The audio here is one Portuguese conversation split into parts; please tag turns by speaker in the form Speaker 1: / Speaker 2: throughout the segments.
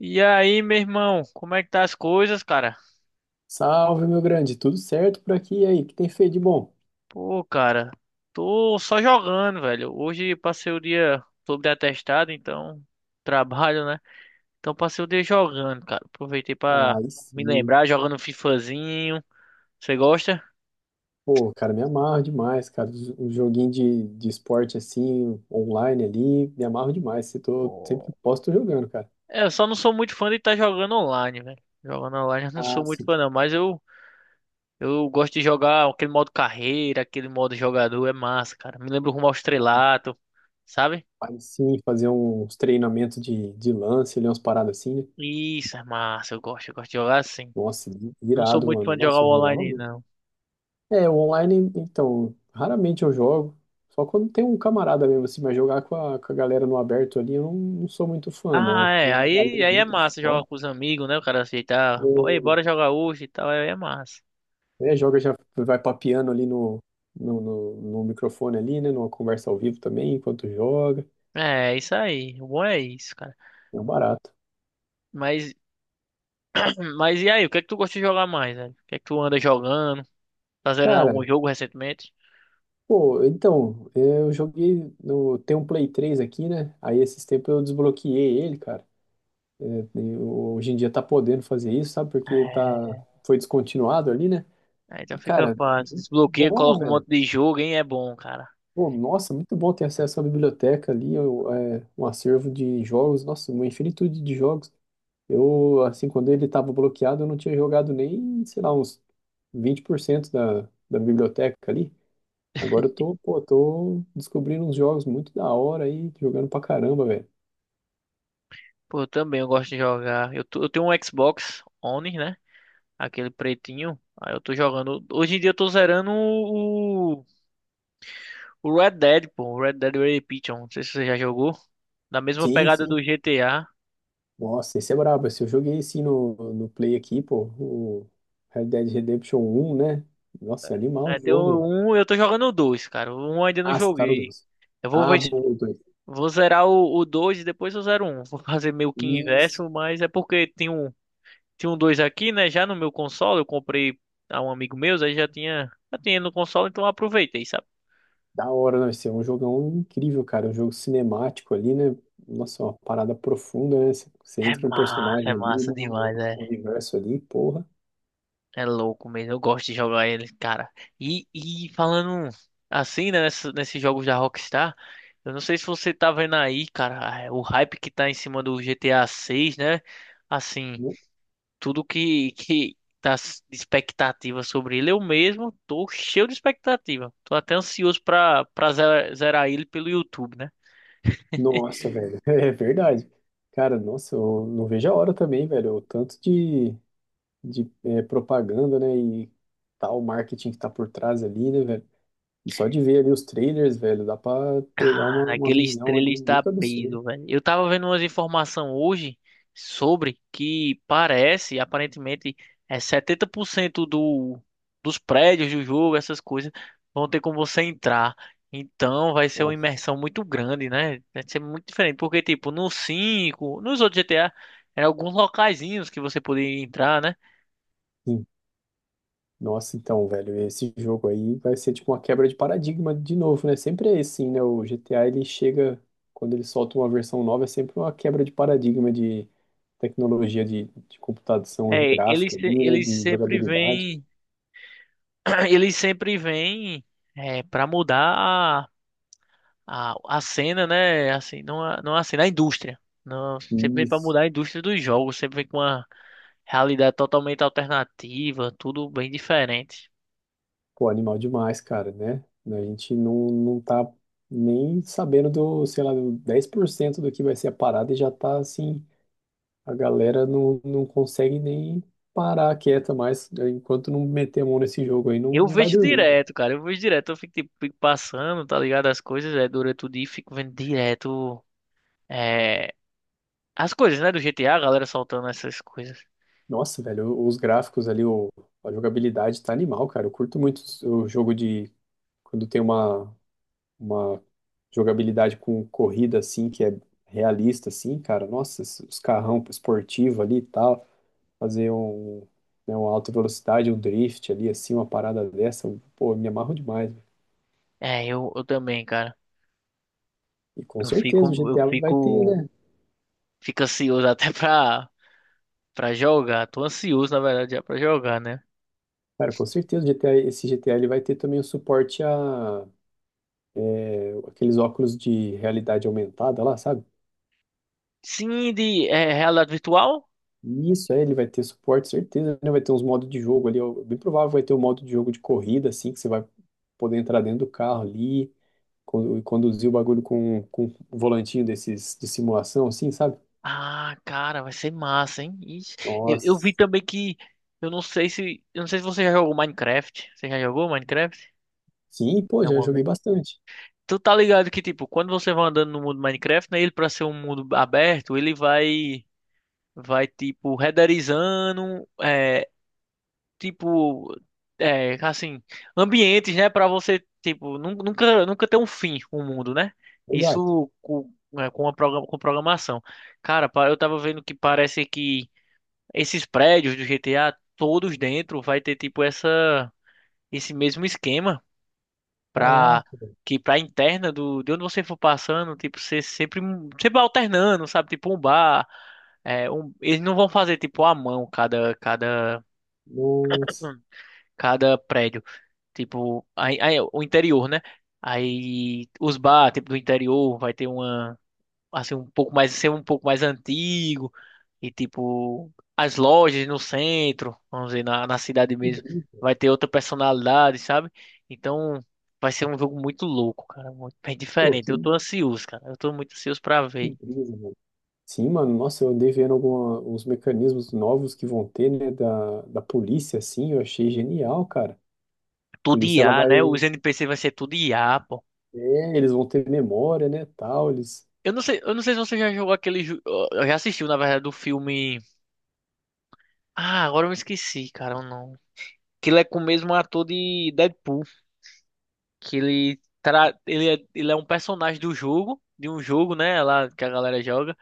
Speaker 1: E aí, meu irmão, como é que tá as coisas, cara?
Speaker 2: Salve, meu grande, tudo certo por aqui? E aí, o que tem feito de bom?
Speaker 1: Pô, cara, tô só jogando, velho. Hoje passei o dia sobre atestado, então trabalho, né? Então passei o dia jogando, cara. Aproveitei pra
Speaker 2: Aí
Speaker 1: me
Speaker 2: sim,
Speaker 1: lembrar, jogando um FIFAzinho. Você gosta?
Speaker 2: pô, cara, me amarro demais, cara. Um joguinho de esporte assim, online ali, me amarro demais. Se tô, sempre que
Speaker 1: Pô.
Speaker 2: posso, tô jogando, cara.
Speaker 1: É, eu só não sou muito fã de estar jogando online, velho. Jogando online eu não sou
Speaker 2: Ah,
Speaker 1: muito
Speaker 2: sim,
Speaker 1: fã, não, mas eu gosto de jogar aquele modo carreira, aquele modo jogador, é massa, cara. Me lembra o Rumo ao Estrelato, sabe?
Speaker 2: faz sim, fazer uns treinamentos de lance, ali, umas paradas assim, né?
Speaker 1: Isso, é massa. Eu gosto de jogar assim.
Speaker 2: Nossa,
Speaker 1: Não sou
Speaker 2: irado,
Speaker 1: muito
Speaker 2: mano.
Speaker 1: fã de jogar
Speaker 2: Nossa, eu jogava
Speaker 1: online,
Speaker 2: muito.
Speaker 1: não.
Speaker 2: É, o online, então, raramente eu jogo. Só quando tem um camarada mesmo, assim, mas jogar com a galera no aberto ali, eu não, não sou muito fã, não.
Speaker 1: Ah,
Speaker 2: Tem
Speaker 1: é.
Speaker 2: uma galera
Speaker 1: Aí é
Speaker 2: muito
Speaker 1: massa jogar
Speaker 2: foda.
Speaker 1: com os amigos, né? O cara aceitar. Ei,
Speaker 2: O-
Speaker 1: bora jogar hoje e tal. Aí é massa.
Speaker 2: né, joga já vai papeando ali no microfone ali, né? Numa conversa ao vivo também, enquanto joga.
Speaker 1: É isso aí. O bom é isso, cara.
Speaker 2: É um barato.
Speaker 1: Mas, mas e aí? O que é que tu gosta de jogar mais, velho? O que é que tu anda jogando? Tá zerando
Speaker 2: Cara,
Speaker 1: algum jogo recentemente?
Speaker 2: pô, então, eu joguei no. Tem um Play 3 aqui, né? Aí esses tempos eu desbloqueei ele, cara. É, hoje em dia tá podendo fazer isso, sabe? Porque tá,
Speaker 1: É,
Speaker 2: foi descontinuado ali, né?
Speaker 1: aí
Speaker 2: E,
Speaker 1: então fica
Speaker 2: cara,
Speaker 1: fácil.
Speaker 2: muito
Speaker 1: Desbloqueia,
Speaker 2: bom,
Speaker 1: coloca um monte
Speaker 2: velho.
Speaker 1: de jogo, hein? É bom, cara.
Speaker 2: Pô, nossa, muito bom ter acesso à biblioteca ali, um acervo de jogos, nossa, uma infinitude de jogos. Eu, assim, quando ele estava bloqueado, eu não tinha jogado nem, sei lá, uns 20% da biblioteca ali. Agora eu tô, pô, tô descobrindo uns jogos muito da hora aí, jogando pra caramba, velho.
Speaker 1: Pô, eu também eu gosto de jogar. Eu tenho um Xbox One, né? Aquele pretinho. Aí eu tô jogando. Hoje em dia eu tô zerando o Red Dead, pô. O Red Dead Redemption. Não sei se você já jogou. Da mesma
Speaker 2: Sim,
Speaker 1: pegada
Speaker 2: sim.
Speaker 1: do GTA.
Speaker 2: Nossa, esse é brabo. Esse eu joguei assim no Play aqui, pô, o Red Dead Redemption um, né? Nossa, é animal
Speaker 1: É,
Speaker 2: o
Speaker 1: tem
Speaker 2: jogo, velho.
Speaker 1: o 1, eu tô jogando o 2, cara. O 1 eu ainda não
Speaker 2: Ah, você tá no
Speaker 1: joguei.
Speaker 2: 2.
Speaker 1: Eu vou
Speaker 2: Ah,
Speaker 1: ver,
Speaker 2: bom, o
Speaker 1: vou zerar o 2 e depois eu zero o um. Vou fazer meio que
Speaker 2: 2.
Speaker 1: inverso, mas é porque tem um, 2 aqui, né? Já no meu console, eu comprei a um amigo meu, aí já tinha no console, então eu aproveitei, sabe?
Speaker 2: Da hora, não, esse é um jogão incrível, cara. Um jogo cinemático ali, né? Nossa, uma parada profunda, né? Você entra no
Speaker 1: É
Speaker 2: personagem ali,
Speaker 1: massa demais.
Speaker 2: no universo ali, porra.
Speaker 1: É louco mesmo, eu gosto de jogar ele, cara. E falando assim, né, nesses jogos da Rockstar, eu não sei se você tá vendo aí, cara, é, o hype que tá em cima do GTA 6, né? Assim,
Speaker 2: No-
Speaker 1: tudo que tá de expectativa sobre ele, eu mesmo tô cheio de expectativa. Tô até ansioso pra, pra zerar ele pelo YouTube, né?
Speaker 2: Nossa, velho. É verdade. Cara, nossa, eu não vejo a hora também, velho. O tanto de propaganda, né? E tal marketing que tá por trás ali, né, velho? E só de ver ali os trailers, velho, dá pra pegar uma,
Speaker 1: Cara,
Speaker 2: uma
Speaker 1: aquele
Speaker 2: visão
Speaker 1: estrela
Speaker 2: ali
Speaker 1: está
Speaker 2: muito absurda.
Speaker 1: peso, velho. Eu tava vendo umas informações hoje sobre que parece, aparentemente, é 70% dos prédios do jogo, essas coisas, vão ter como você entrar. Então vai ser uma
Speaker 2: Nossa.
Speaker 1: imersão muito grande, né? Vai ser muito diferente, porque, tipo, no 5 nos outros GTA, eram alguns locaizinhos que você poderia entrar, né?
Speaker 2: Nossa, então, velho, esse jogo aí vai ser tipo uma quebra de paradigma de novo, né? Sempre é assim, né? O GTA ele chega, quando ele solta uma versão nova, é sempre uma quebra de paradigma de tecnologia de computação
Speaker 1: É, eles,
Speaker 2: gráfica
Speaker 1: se-
Speaker 2: ali, né?
Speaker 1: eles
Speaker 2: De
Speaker 1: sempre
Speaker 2: jogabilidade.
Speaker 1: vêm, eles sempre vêm, é, pra mudar a cena, né? Assim, não a, não a cena, a indústria. Não, sempre vem para
Speaker 2: Isso.
Speaker 1: mudar a indústria dos jogos, sempre vem com uma realidade totalmente alternativa, tudo bem diferente.
Speaker 2: Pô, animal demais, cara, né? A gente não, não tá nem sabendo do, sei lá, do 10% do que vai ser a parada e já tá assim. A galera não, não consegue nem parar quieta mais, né. Enquanto não meter a mão nesse jogo aí, não,
Speaker 1: Eu
Speaker 2: não vai
Speaker 1: vejo
Speaker 2: dormir.
Speaker 1: direto, cara, eu vejo direto, eu fico, tipo, fico passando, tá ligado? As coisas, é, durante o dia, e fico vendo direto, é, as coisas, né, do GTA, a galera soltando essas coisas.
Speaker 2: Nossa, velho, os gráficos ali, a jogabilidade tá animal, cara. Eu curto muito o jogo de quando tem uma jogabilidade com corrida assim, que é realista, assim, cara. Nossa, os carrão esportivo ali e tal. Fazer um, né, uma alta velocidade, um drift ali, assim, uma parada dessa. Pô, eu me amarro demais, velho.
Speaker 1: É, eu também, cara,
Speaker 2: E com
Speaker 1: eu
Speaker 2: certeza o
Speaker 1: fico, eu
Speaker 2: GTA vai ter,
Speaker 1: fico,
Speaker 2: né?
Speaker 1: fico ansioso até pra jogar, tô ansioso, na verdade, já pra jogar, né?
Speaker 2: Cara, com certeza, GTA, esse G GTA ele vai ter também o suporte a aqueles óculos de realidade aumentada lá, sabe?
Speaker 1: Sim, de é, realidade virtual?
Speaker 2: Isso, é, ele vai ter suporte, certeza, né? Vai ter uns modos de jogo ali, ó, bem provável vai ter um modo de jogo de corrida, assim, que você vai poder entrar dentro do carro ali e conduzir o bagulho com um volantinho desses de simulação, assim, sabe?
Speaker 1: Ah, cara, vai ser massa, hein? Ixi, Eu vi
Speaker 2: Nossa,
Speaker 1: também que. Eu não sei se. Eu não sei se você já jogou Minecraft. Você já jogou Minecraft?
Speaker 2: sim, pô, já
Speaker 1: Alguma
Speaker 2: joguei
Speaker 1: vez?
Speaker 2: bastante.
Speaker 1: Tu tá ligado que, tipo, quando você vai andando no mundo Minecraft, né? Ele, pra ser um mundo aberto, ele vai. Vai, tipo, renderizando. Tipo, é, assim, ambientes, né, para você, tipo, nunca ter um fim o mundo, né?
Speaker 2: Exato.
Speaker 1: Isso com, é, com a com programação. Cara, eu tava vendo que parece que esses prédios do GTA, todos dentro, vai ter, tipo, essa, esse mesmo esquema pra...
Speaker 2: Caraca, velho.
Speaker 1: Que pra interna do, de onde você for passando, tipo, você sempre, alternando, sabe? Tipo um bar. É, eles não vão fazer tipo à mão cada, cada,
Speaker 2: Nossa,
Speaker 1: cada prédio. Tipo, aí o interior, né? Aí os bar, tipo, do interior vai ter uma assim um pouco mais ser um pouco mais antigo e tipo as lojas no centro, vamos dizer, na cidade
Speaker 2: que,
Speaker 1: mesmo,
Speaker 2: bri-
Speaker 1: vai ter outra personalidade, sabe? Então vai ser um jogo muito louco, cara, muito bem
Speaker 2: pô,
Speaker 1: diferente. Eu
Speaker 2: que,
Speaker 1: tô ansioso, cara. Eu tô muito ansioso pra
Speaker 2: que
Speaker 1: ver.
Speaker 2: brisa, mano. Sim, mano, nossa, eu andei vendo alguma, uns mecanismos novos que vão ter, né, da polícia, assim, eu achei genial, cara. A
Speaker 1: Tudo
Speaker 2: polícia, ela
Speaker 1: IA,
Speaker 2: vai,
Speaker 1: né? Os NPC vai ser tudo IA, pô.
Speaker 2: eles vão ter memória, né, tal, eles...
Speaker 1: eu não sei, se você já jogou aquele, eu já assistiu, na verdade, do filme agora eu me esqueci, cara. Não. Que ele é com o mesmo ator de Deadpool, que ele é um personagem do jogo, de um jogo, né, lá que a galera joga,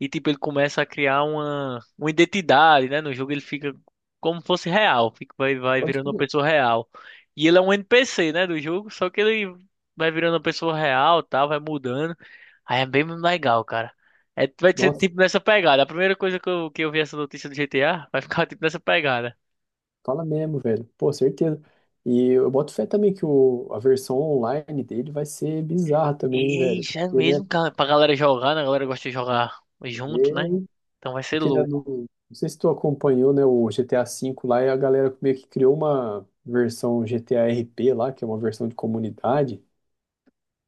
Speaker 1: e tipo ele começa a criar uma identidade, né, no jogo ele fica como fosse real, fica vai
Speaker 2: Pode
Speaker 1: virando uma
Speaker 2: crer.
Speaker 1: pessoa real. E ele é um NPC, né, do jogo, só que ele vai virando uma pessoa real, tal, vai mudando. Aí é bem legal, cara. É, vai ser
Speaker 2: Nossa,
Speaker 1: tipo nessa pegada. A primeira coisa que eu vi essa notícia do GTA vai ficar tipo nessa pegada.
Speaker 2: fala mesmo, velho. Pô, certeza. E eu boto fé também que a versão online dele vai ser bizarra também, hein, velho.
Speaker 1: Eita, é
Speaker 2: Porque, né,
Speaker 1: mesmo, cara, pra galera jogar, né? A galera gosta de jogar
Speaker 2: é,
Speaker 1: junto, né? Então vai ser
Speaker 2: porque, né, no-
Speaker 1: louco.
Speaker 2: não sei se tu acompanhou, né, o GTA V lá, e a galera meio que criou uma versão GTA RP lá, que é uma versão de comunidade.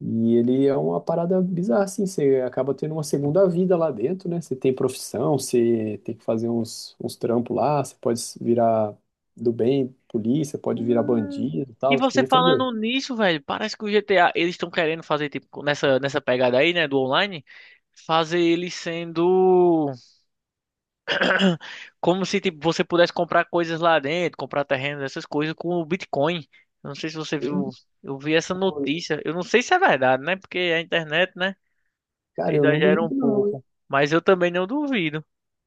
Speaker 2: E ele é uma parada bizarra, assim, você acaba tendo uma segunda vida lá dentro, né? Você tem profissão, você tem que fazer uns trampos lá, você pode virar do bem, polícia, pode virar
Speaker 1: Hum.
Speaker 2: bandido e
Speaker 1: E
Speaker 2: tal, você
Speaker 1: você
Speaker 2: já fragou.
Speaker 1: falando nisso, velho, parece que o GTA, eles estão querendo fazer, tipo, nessa pegada aí, né, do online, fazer ele sendo como se, tipo, você pudesse comprar coisas lá dentro, comprar terrenos, essas coisas com o Bitcoin. Eu não sei se você viu,
Speaker 2: Eu-
Speaker 1: eu vi essa notícia. Eu não sei se é verdade, né? Porque a internet, né,
Speaker 2: Cara, eu não
Speaker 1: exagera um
Speaker 2: duvido não, hein?
Speaker 1: pouco. Mas eu também não duvido.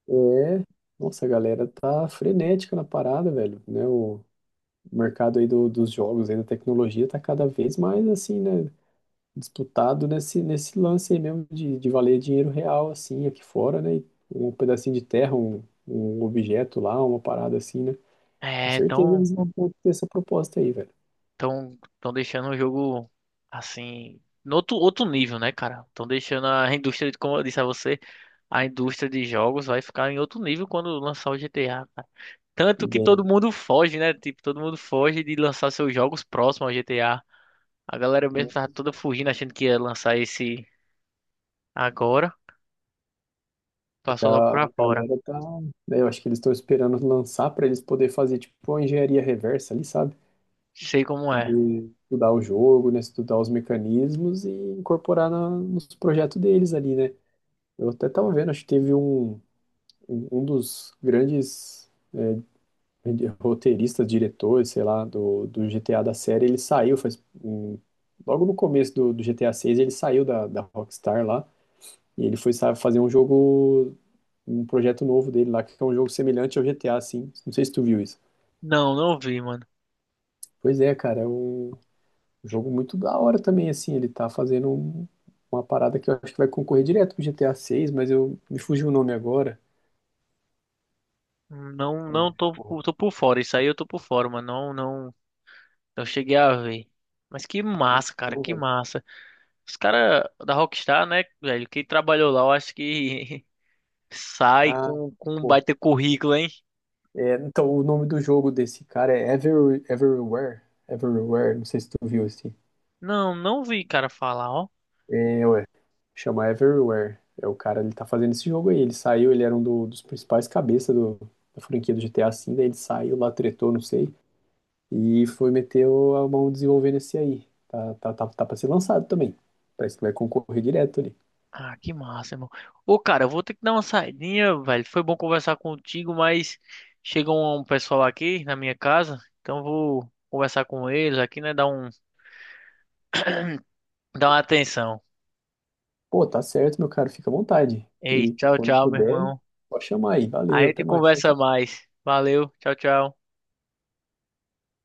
Speaker 2: É, nossa, a galera tá frenética na parada, velho, né? O mercado aí dos jogos, aí da tecnologia tá cada vez mais, assim, né, disputado nesse lance aí mesmo de valer dinheiro real, assim, aqui fora, né? E um pedacinho de terra, um objeto lá, uma parada assim, né? Com
Speaker 1: É,
Speaker 2: certeza
Speaker 1: então.
Speaker 2: eles vão ter essa proposta aí, velho.
Speaker 1: Tão deixando o jogo assim, no outro nível, né, cara? Tão deixando a indústria, como eu disse a você, a indústria de jogos vai ficar em outro nível quando lançar o GTA, cara.
Speaker 2: E
Speaker 1: Tanto que
Speaker 2: daí,
Speaker 1: todo mundo foge, né? Tipo, todo mundo foge de lançar seus jogos próximos ao GTA. A galera mesmo tava toda fugindo, achando que ia lançar esse agora,
Speaker 2: é que
Speaker 1: passou logo
Speaker 2: a
Speaker 1: pra fora.
Speaker 2: galera tá, né. Eu acho que eles estão esperando lançar pra eles poder fazer tipo uma engenharia reversa ali, sabe?
Speaker 1: Sei como é.
Speaker 2: Poder estudar o jogo, né? Estudar os mecanismos e incorporar nos projetos deles ali, né? Eu até tava vendo, acho que teve um dos grandes roteirista, diretor, sei lá, do GTA da série, ele saiu faz, logo no começo do GTA 6, ele saiu da Rockstar lá, e ele foi fazer um jogo, um projeto novo dele lá, que é um jogo semelhante ao GTA, assim, não sei se tu viu isso.
Speaker 1: Não, não vi, mano.
Speaker 2: Pois é, cara, é um jogo muito da hora também, assim, ele tá fazendo uma parada que eu acho que vai concorrer direto pro GTA 6, mas eu, me fugiu o nome agora.
Speaker 1: Não,
Speaker 2: É,
Speaker 1: não tô,
Speaker 2: porra,
Speaker 1: tô por fora. Isso aí eu tô por fora, mano. Não, não. Eu cheguei a ver. Mas que massa, cara,
Speaker 2: não,
Speaker 1: que
Speaker 2: velho.
Speaker 1: massa. Os caras da Rockstar, né, velho? Quem trabalhou lá, eu acho que sai
Speaker 2: Ah,
Speaker 1: com, um
Speaker 2: pô,
Speaker 1: baita currículo, hein?
Speaker 2: é, então, o nome do jogo desse cara é Everywhere. Everywhere, não sei se tu viu esse.
Speaker 1: Não, não vi, cara, falar, ó.
Speaker 2: É, ué. Chama Everywhere. É o cara, ele tá fazendo esse jogo aí. Ele saiu, ele era um dos principais cabeças da franquia do GTA assim. Daí ele saiu lá, tretou, não sei. E foi meter a mão desenvolvendo esse aí. Tá, tá, tá, tá pra ser lançado também. Parece que vai concorrer direto ali.
Speaker 1: Ah, que massa, irmão. Ô, cara, eu vou ter que dar uma saidinha, velho. Foi bom conversar contigo, mas chegou um pessoal aqui na minha casa, então eu vou conversar com eles aqui, né? Dar uma atenção.
Speaker 2: Pô, tá certo, meu cara, fica à vontade.
Speaker 1: Ei,
Speaker 2: E
Speaker 1: tchau,
Speaker 2: quando
Speaker 1: tchau, meu
Speaker 2: puder,
Speaker 1: irmão.
Speaker 2: pode chamar aí.
Speaker 1: A
Speaker 2: Valeu,
Speaker 1: gente
Speaker 2: até mais. Tchau,
Speaker 1: conversa
Speaker 2: tchau.
Speaker 1: mais. Valeu, tchau, tchau.